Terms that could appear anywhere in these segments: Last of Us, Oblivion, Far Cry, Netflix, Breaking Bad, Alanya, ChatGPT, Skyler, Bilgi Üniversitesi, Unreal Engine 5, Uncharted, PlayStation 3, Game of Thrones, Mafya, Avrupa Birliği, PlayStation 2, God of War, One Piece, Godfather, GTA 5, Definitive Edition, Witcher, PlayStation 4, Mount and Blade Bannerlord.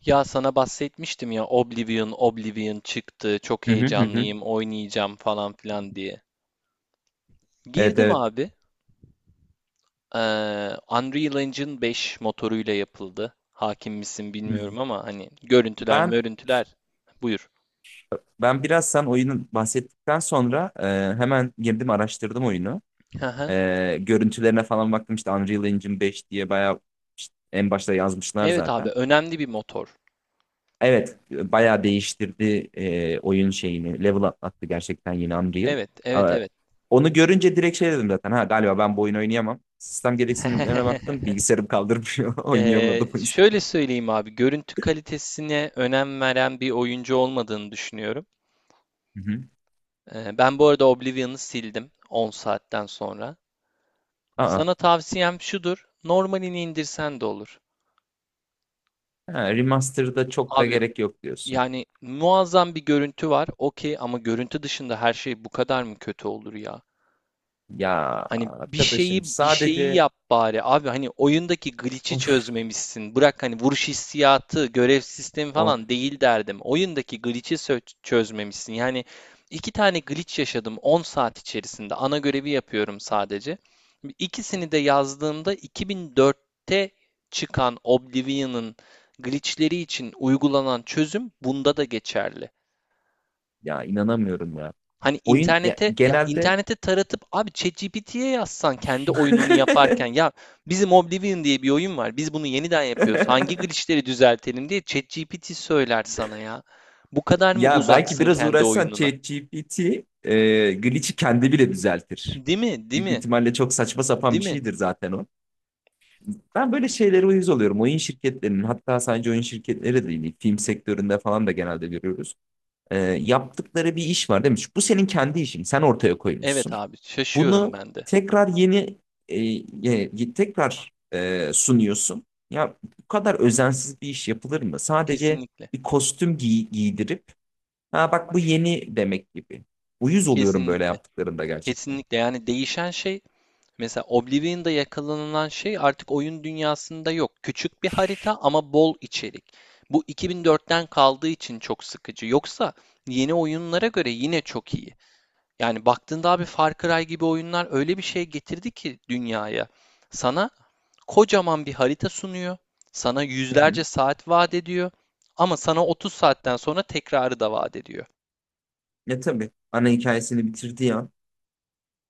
Ya sana bahsetmiştim ya, Oblivion çıktı, çok Hı hı. heyecanlıyım, oynayacağım falan filan diye. Evet, Girdim evet. abi. Ee, Unreal Engine 5 motoruyla yapıldı. Hakim misin Hı. bilmiyorum ama hani görüntüler Ben görüntüler? Buyur. ben biraz sen oyunun bahsettikten sonra hemen girdim, araştırdım oyunu. Hı hı. Görüntülerine falan baktım, işte Unreal Engine 5 diye bayağı işte en başta yazmışlar Evet abi, zaten. önemli bir motor. Evet, bayağı değiştirdi oyun şeyini. Level atlattı gerçekten yine Unreal. Evet, evet, E, evet. Onu görünce direkt şey dedim zaten. Ha, galiba ben bu oyunu oynayamam. Sistem gereksinimlerine baktım. Bilgisayarım kaldırmıyor. Oynayamadım o yüzden. şöyle söyleyeyim abi, görüntü kalitesine önem veren bir oyuncu olmadığını düşünüyorum. Hı hı. Ben bu arada Oblivion'ı sildim 10 saatten sonra. Aa, Sana tavsiyem şudur: normalini indirsen de olur. ha, remaster'da çok da Abi, gerek yok. yani muazzam bir görüntü var. Okey, ama görüntü dışında her şey bu kadar mı kötü olur ya? Ya Hani bir arkadaşım şeyi bir şeyi sadece yap bari abi, hani oyundaki glitch'i of çözmemişsin. Bırak hani vuruş hissiyatı, görev sistemi of, falan değil derdim. Oyundaki glitch'i çözmemişsin. Yani iki tane glitch yaşadım 10 saat içerisinde. Ana görevi yapıyorum sadece. İkisini de yazdığımda 2004'te çıkan Oblivion'ın glitch'leri için uygulanan çözüm bunda da geçerli. ya inanamıyorum ya. Hani Oyun ya, internete, ya genelde internete taratıp abi, ChatGPT'ye yazsan kendi oyununu yaparken, ya bizim Oblivion diye bir oyun var, biz bunu yeniden yapıyoruz, hangi glitchleri düzeltelim diye ChatGPT söyler sana ya. Bu kadar mı ya belki uzaksın biraz kendi uğraşsan oyununa? ChatGPT glitch'i kendi bile düzeltir. Değil mi? Değil Büyük bir mi? ihtimalle çok saçma sapan Değil bir mi? şeydir zaten o. Ben böyle şeylere uyuz oluyorum. Oyun şirketlerinin, hatta sadece oyun şirketleri değil, film sektöründe falan da genelde görüyoruz. Yaptıkları bir iş var demiş. Bu senin kendi işin. Sen ortaya Evet koymuşsun. abi, şaşıyorum Bunu ben de. tekrar yeni, e, sunuyorsun. Ya bu kadar özensiz bir iş yapılır mı? Sadece Kesinlikle. bir kostüm giy- giydirip, ha bak bu yeni demek gibi. Uyuz oluyorum böyle Kesinlikle. yaptıklarında gerçekten. Kesinlikle, yani değişen şey. Mesela Oblivion'da yakalanılan şey artık oyun dünyasında yok. Küçük bir harita ama bol içerik. Bu 2004'ten kaldığı için çok sıkıcı. Yoksa yeni oyunlara göre yine çok iyi. Yani baktığında abi, Far Cry gibi oyunlar öyle bir şey getirdi ki dünyaya. Sana kocaman bir harita sunuyor. Sana Hı hı. yüzlerce saat vaat ediyor. Ama sana 30 saatten sonra tekrarı da vaat ediyor. Ya tabii ana hikayesini bitirdiği an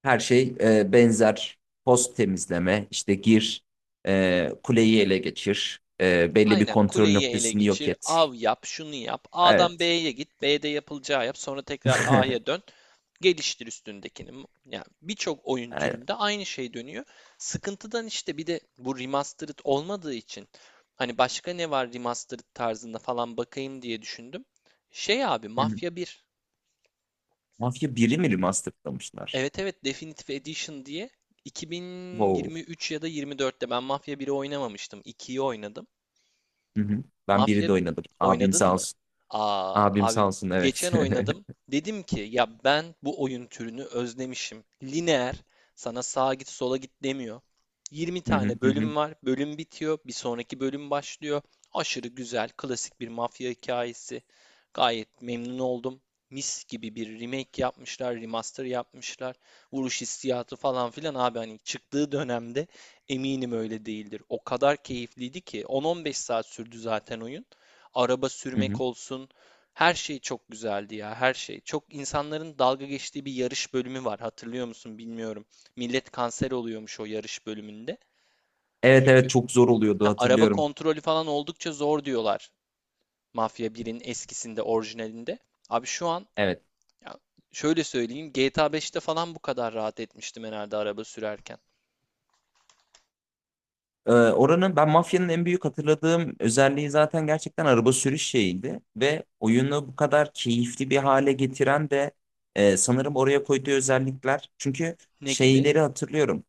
her şey benzer. Post temizleme, işte gir, kuleyi ele geçir, belli bir Aynen, kontrol kuleyi ele noktasını yok geçir, et. av yap, şunu yap. A'dan Evet. B'ye git, B'de yapılacağı yap. Sonra tekrar A'ya dön. Geliştir üstündekini. Yani birçok oyun Aynen. türünde aynı şey dönüyor. Sıkıntıdan işte, bir de bu remastered olmadığı için hani başka ne var remastered tarzında falan bakayım diye düşündüm. Şey abi, Mafya bir. Mafya biri mi remasterlamışlar? Evet, evet, Definitive Edition diye Wow. 2023 ya da 24'te ben Mafya biri oynamamıştım. İkiyi oynadım. Hı hı. Ben biri Mafya de bi- oynadım. Abim oynadın sağ mı? olsun. Aa, Abim abi sağ olsun, evet. geçen oynadım. Dedim ki ya, ben bu oyun türünü özlemişim. Lineer, sana sağa git sola git demiyor. Yirmi Hı hı tane hı hı bölüm var. Bölüm bitiyor. Bir sonraki bölüm başlıyor. Aşırı güzel, klasik bir mafya hikayesi. Gayet memnun oldum. Mis gibi bir remake yapmışlar, remaster yapmışlar. Vuruş hissiyatı falan filan abi, hani çıktığı dönemde eminim öyle değildir. O kadar keyifliydi ki 10-15 saat sürdü zaten oyun. Araba hı sürmek hı. olsun. Her şey çok güzeldi ya, her şey. Çok insanların dalga geçtiği bir yarış bölümü var. Hatırlıyor musun bilmiyorum. Millet kanser oluyormuş o yarış bölümünde. Evet, Çünkü evet, çok zor oluyordu, ha, araba hatırlıyorum. kontrolü falan oldukça zor diyorlar. Mafya birin eskisinde, orijinalinde. Abi şu an Evet. ya, şöyle söyleyeyim, GTA 5'te falan bu kadar rahat etmiştim herhalde araba sürerken. Oranın, ben mafyanın en büyük hatırladığım özelliği zaten gerçekten araba sürüş şeyiydi. Ve oyunu bu kadar keyifli bir hale getiren de sanırım oraya koyduğu özellikler. Çünkü Ne gibi? şeyleri hatırlıyorum.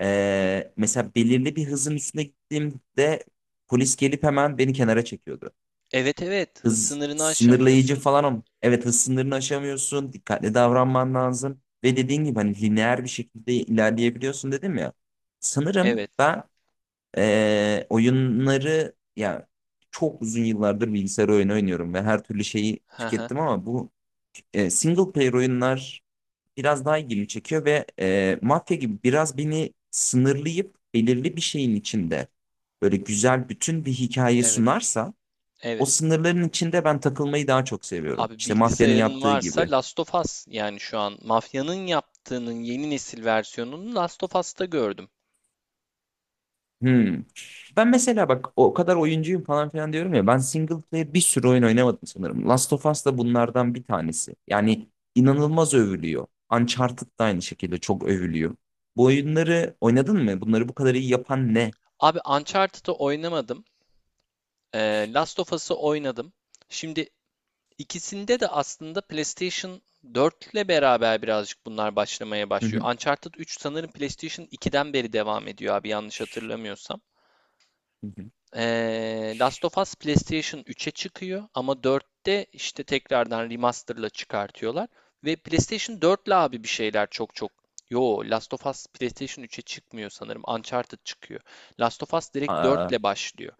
Mesela belirli bir hızın üstüne gittiğimde polis gelip hemen beni kenara çekiyordu. Evet, evet, hız Hız sınırını sınırlayıcı aşamıyorsun. falan, ama evet, hız sınırını aşamıyorsun. Dikkatli davranman lazım. Ve dediğin gibi hani lineer bir şekilde ilerleyebiliyorsun, dedim ya. Sanırım Evet. ben oyunları ya çok uzun yıllardır bilgisayar oyunu oynuyorum ve her türlü şeyi Hı hı. tükettim, ama bu single player oyunlar biraz daha ilgimi çekiyor ve mafya gibi biraz beni sınırlayıp belirli bir şeyin içinde böyle güzel bütün bir hikaye Evet. sunarsa o Evet. sınırların içinde ben takılmayı daha çok seviyorum. Abi, İşte mafyanın bilgisayarın yaptığı varsa gibi. Last of Us, yani şu an Mafya'nın yaptığının yeni nesil versiyonunu Last of Us'ta gördüm. Hmm. Ben mesela bak o kadar oyuncuyum falan filan diyorum ya, ben single player bir sürü oyun oynamadım sanırım. Last of Us da bunlardan bir tanesi. Yani inanılmaz övülüyor. Uncharted da aynı şekilde çok övülüyor. Bu oyunları oynadın mı? Bunları bu kadar iyi yapan ne? Abi Uncharted'ı oynamadım. Last of Us'ı oynadım. Şimdi ikisinde de aslında PlayStation 4 ile beraber birazcık bunlar başlamaya Hı başlıyor. hı, Uncharted 3 sanırım PlayStation 2'den beri devam ediyor abi, yanlış hatırlamıyorsam. hı hı. Last of Us PlayStation 3'e çıkıyor ama 4'te işte tekrardan remaster'la çıkartıyorlar. Ve PlayStation 4'le abi bir şeyler çok çok. Yo, Last of Us PlayStation 3'e çıkmıyor sanırım. Uncharted çıkıyor. Last of Us direkt Aa, 4'le başlıyor.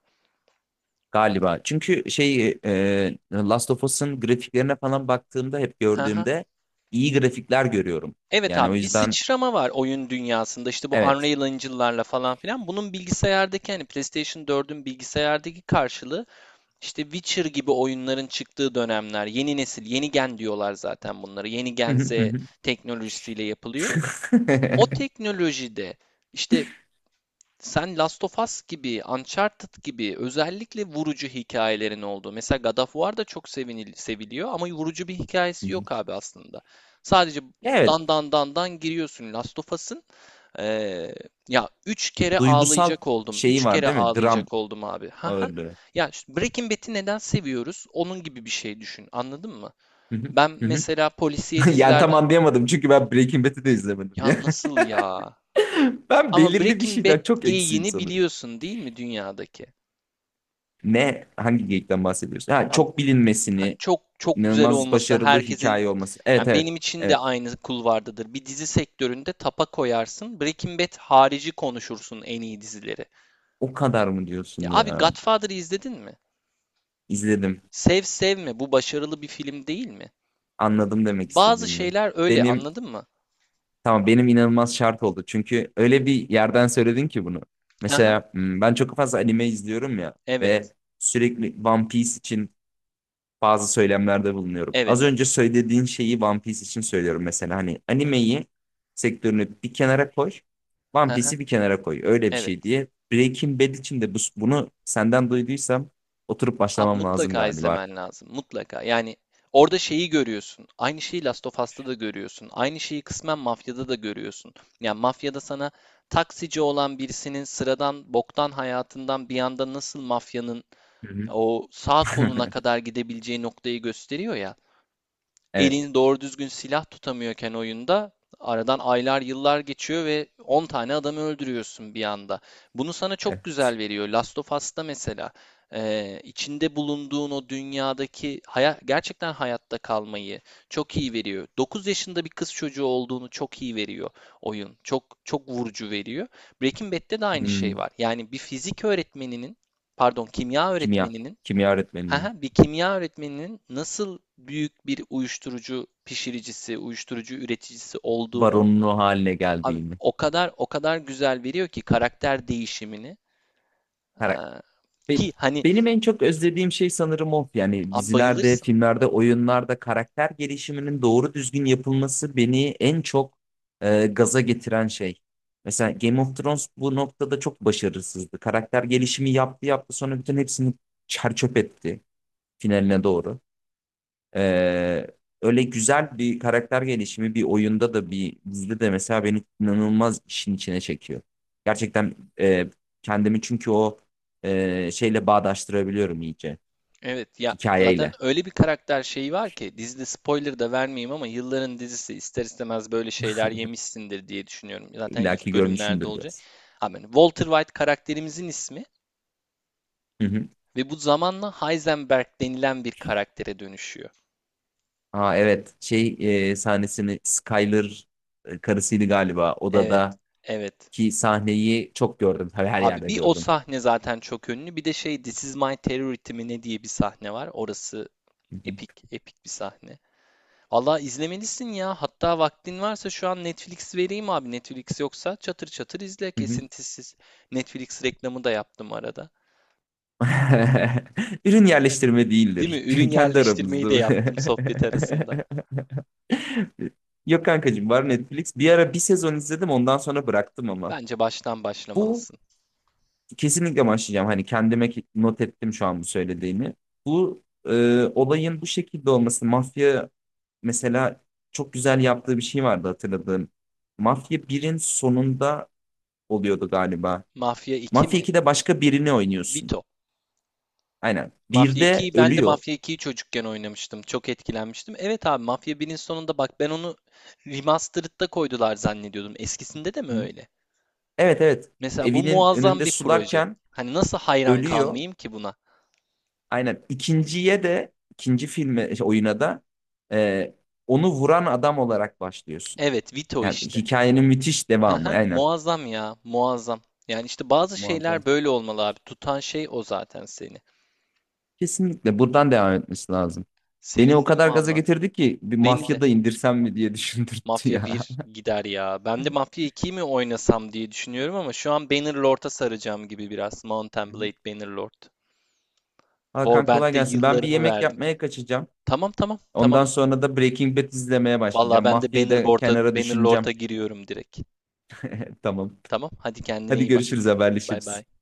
galiba. Çünkü şey, Last of Us'ın grafiklerine falan baktığımda, hep Hı hı. gördüğümde iyi grafikler görüyorum. Evet Yani abi, o bir yüzden, sıçrama var oyun dünyasında, işte bu evet. Unreal Engine'larla falan filan. Bunun bilgisayardaki, hani PlayStation 4'ün bilgisayardaki karşılığı. İşte Witcher gibi oyunların çıktığı dönemler, yeni nesil, yeni gen diyorlar zaten bunları. Yeni Hı gen hı Z hı hı. teknolojisiyle yapılıyor. O teknolojide işte sen Last of Us gibi, Uncharted gibi özellikle vurucu hikayelerin olduğu. Mesela God of War da çok seviliyor ama vurucu bir Hı hikayesi hı. yok abi aslında. Sadece Evet, dan dan dan dan giriyorsun Last of Us'ın ee, ya üç kere duygusal ağlayacak oldum. şeyi Üç var kere değil mi? Dram ağlayacak oldum abi. Haha. ağırlığı. Ya, işte Breaking Bad'i neden seviyoruz? Onun gibi bir şey düşün. Anladın mı? Hı hı, Ben hı hı. mesela polisiye Yani tam dizilerden. anlayamadım, çünkü ben Breaking Bad'i de izlemedim Ya ya. nasıl ya? Ben Ama belirli bir Breaking Bad şeyden çok eksiğim geyiğini sanırım. biliyorsun değil mi dünyadaki? Ne? Hangi geyikten bahsediyorsun? Ha, Abi, çok bilinmesini, çok çok güzel inanılmaz olması başarılı herkesin, hikaye olması. Evet, yani evet. benim için de Evet. aynı kulvardadır. Bir dizi sektöründe tapa koyarsın. Breaking Bad harici konuşursun en iyi dizileri. O kadar mı diyorsun Ya abi, ya? Godfather'ı izledin mi? İzledim. Sev sevme, bu başarılı bir film değil mi? Anladım demek Bazı istediğini. şeyler öyle, Benim anladın mı? Tamam, benim inanılmaz şart oldu. Çünkü öyle bir yerden söyledin ki bunu. Hı hı. Mesela hmm, ben çok fazla anime izliyorum ya Evet. ve sürekli One Piece için bazı söylemlerde bulunuyorum. Evet. Az önce söylediğin şeyi One Piece için söylüyorum mesela. Hani animeyi, sektörünü bir kenara koy, Hı One hı. Piece'i bir kenara koy. Öyle bir Evet. şey diye. Breaking Bad için de bu, bunu senden duyduysam oturup Abi başlamam lazım mutlaka galiba. izlemen lazım. Mutlaka. Yani orada şeyi görüyorsun. Aynı şeyi Last of Us'ta da görüyorsun. Aynı şeyi kısmen Mafya'da da görüyorsun. Yani Mafya'da sana taksici olan birisinin sıradan boktan hayatından bir anda nasıl mafyanın Hı hı. o sağ koluna kadar gidebileceği noktayı gösteriyor ya. Evet. Elini doğru düzgün silah tutamıyorken oyunda, aradan aylar yıllar geçiyor ve 10 tane adamı öldürüyorsun bir anda. Bunu sana çok Evet. güzel veriyor. Last of Us'ta mesela içinde bulunduğun o dünyadaki gerçekten hayatta kalmayı çok iyi veriyor. 9 yaşında bir kız çocuğu olduğunu çok iyi veriyor oyun. Çok çok vurucu veriyor. Breaking Bad'de de aynı şey Hmm, var. Yani bir fizik öğretmeninin, pardon, kimya kimya. öğretmeninin. Kimya öğretmeninin Haha, bir kimya öğretmeninin nasıl büyük bir uyuşturucu pişiricisi, uyuşturucu üreticisi olduğunu baronluğu haline abi geldiğini. o kadar o kadar güzel veriyor ki karakter değişimini. Her- Aa, Be- ki hani Benim en çok özlediğim şey sanırım o. Yani abi dizilerde, bayılırsın. filmlerde, oyunlarda karakter gelişiminin doğru düzgün yapılması beni en çok gaza getiren şey. Mesela Game of Thrones bu noktada çok başarısızdı. Karakter gelişimi yaptı yaptı, sonra bütün hepsini çer çöp etti finaline doğru. Ee, öyle güzel bir karakter gelişimi bir oyunda da bir dizide de mesela beni inanılmaz işin içine çekiyor. Gerçekten kendimi, çünkü o şeyle bağdaştırabiliyorum iyice Evet ya, zaten hikayeyle. öyle bir karakter şeyi var ki dizide, spoiler da vermeyeyim ama yılların dizisi ister istemez böyle şeyler yemişsindir diye düşünüyorum. Zaten İlla ki ilk bölümlerde görmüşümdür olacak. biraz. Abi, hani Walter White karakterimizin ismi Hı hı. ve bu zamanla Heisenberg denilen bir karaktere dönüşüyor. Aa, evet, şey, sahnesini, Skyler karısıydı galiba, Evet, odadaki evet. sahneyi çok gördüm. Tabii her Abi yerde bir o gördüm. sahne zaten çok ünlü. Bir de şey, This Is My Terrority mi ne diye bir sahne var. Orası Hı hı. epik, epik bir sahne. Valla izlemelisin ya. Hatta vaktin varsa şu an Netflix vereyim abi. Netflix yoksa çatır çatır izle Hı hı. kesintisiz. Netflix reklamı da yaptım arada. Ürün yerleştirme Değil değildir. mi? Ürün Kendi yerleştirmeyi de aramızda bu. yaptım sohbet arasında. Yok kankacığım, var Netflix. Bir ara bir sezon izledim, ondan sonra bıraktım ama. Bence baştan Bu başlamalısın. kesinlikle başlayacağım. Hani kendime ki- not ettim şu an bu söylediğini. Bu olayın bu şekilde olması. Mafya mesela çok güzel yaptığı bir şey vardı, hatırladığım. Mafya birin sonunda oluyordu galiba. Mafya 2 Mafya mi? 2'de başka birini oynuyorsun. Vito. Aynen. Mafya 1'de 2'yi, ben de ölüyor. Mafya 2'yi çocukken oynamıştım. Çok etkilenmiştim. Evet abi, Mafya 1'in sonunda, bak ben onu remastered'da koydular zannediyordum. Eskisinde de mi öyle? Evet, evet. Mesela bu Evinin muazzam önünde bir proje. sularken Hani nasıl hayran ölüyor. kalmayayım ki buna? Aynen. İkinciye de, ikinci filme şey, oyuna da e, onu vuran adam olarak başlıyorsun. Evet, Vito Yani işte. hikayenin müthiş devamı. Haha, Aynen. muazzam ya, muazzam. Yani işte bazı Muazzam. şeyler böyle olmalı abi. Tutan şey o zaten seni. Kesinlikle buradan devam etmesi lazım. Beni o Sevindim kadar gaza valla. getirdi ki bir Beni de. mafya da indirsem mi diye düşündürttü Mafya ya. bir gider ya. Ben de Mafya 2'yi mi oynasam diye düşünüyorum ama şu an Bannerlord'a saracağım gibi biraz. Mount Hı and hı. Blade Bannerlord. Hakan, kolay Warband'de gelsin. Ben bir yıllarımı yemek verdim. yapmaya kaçacağım. Tamam, tamam, tamam. Ondan sonra da Breaking Bad izlemeye Vallahi başlayacağım. ben de Mafyayı da Bannerlord'a kenara düşüneceğim. Bannerlord'a giriyorum direkt. Tamam. Tamam, hadi kendine Hadi iyi bak. görüşürüz, Bay bay. haberleşiriz.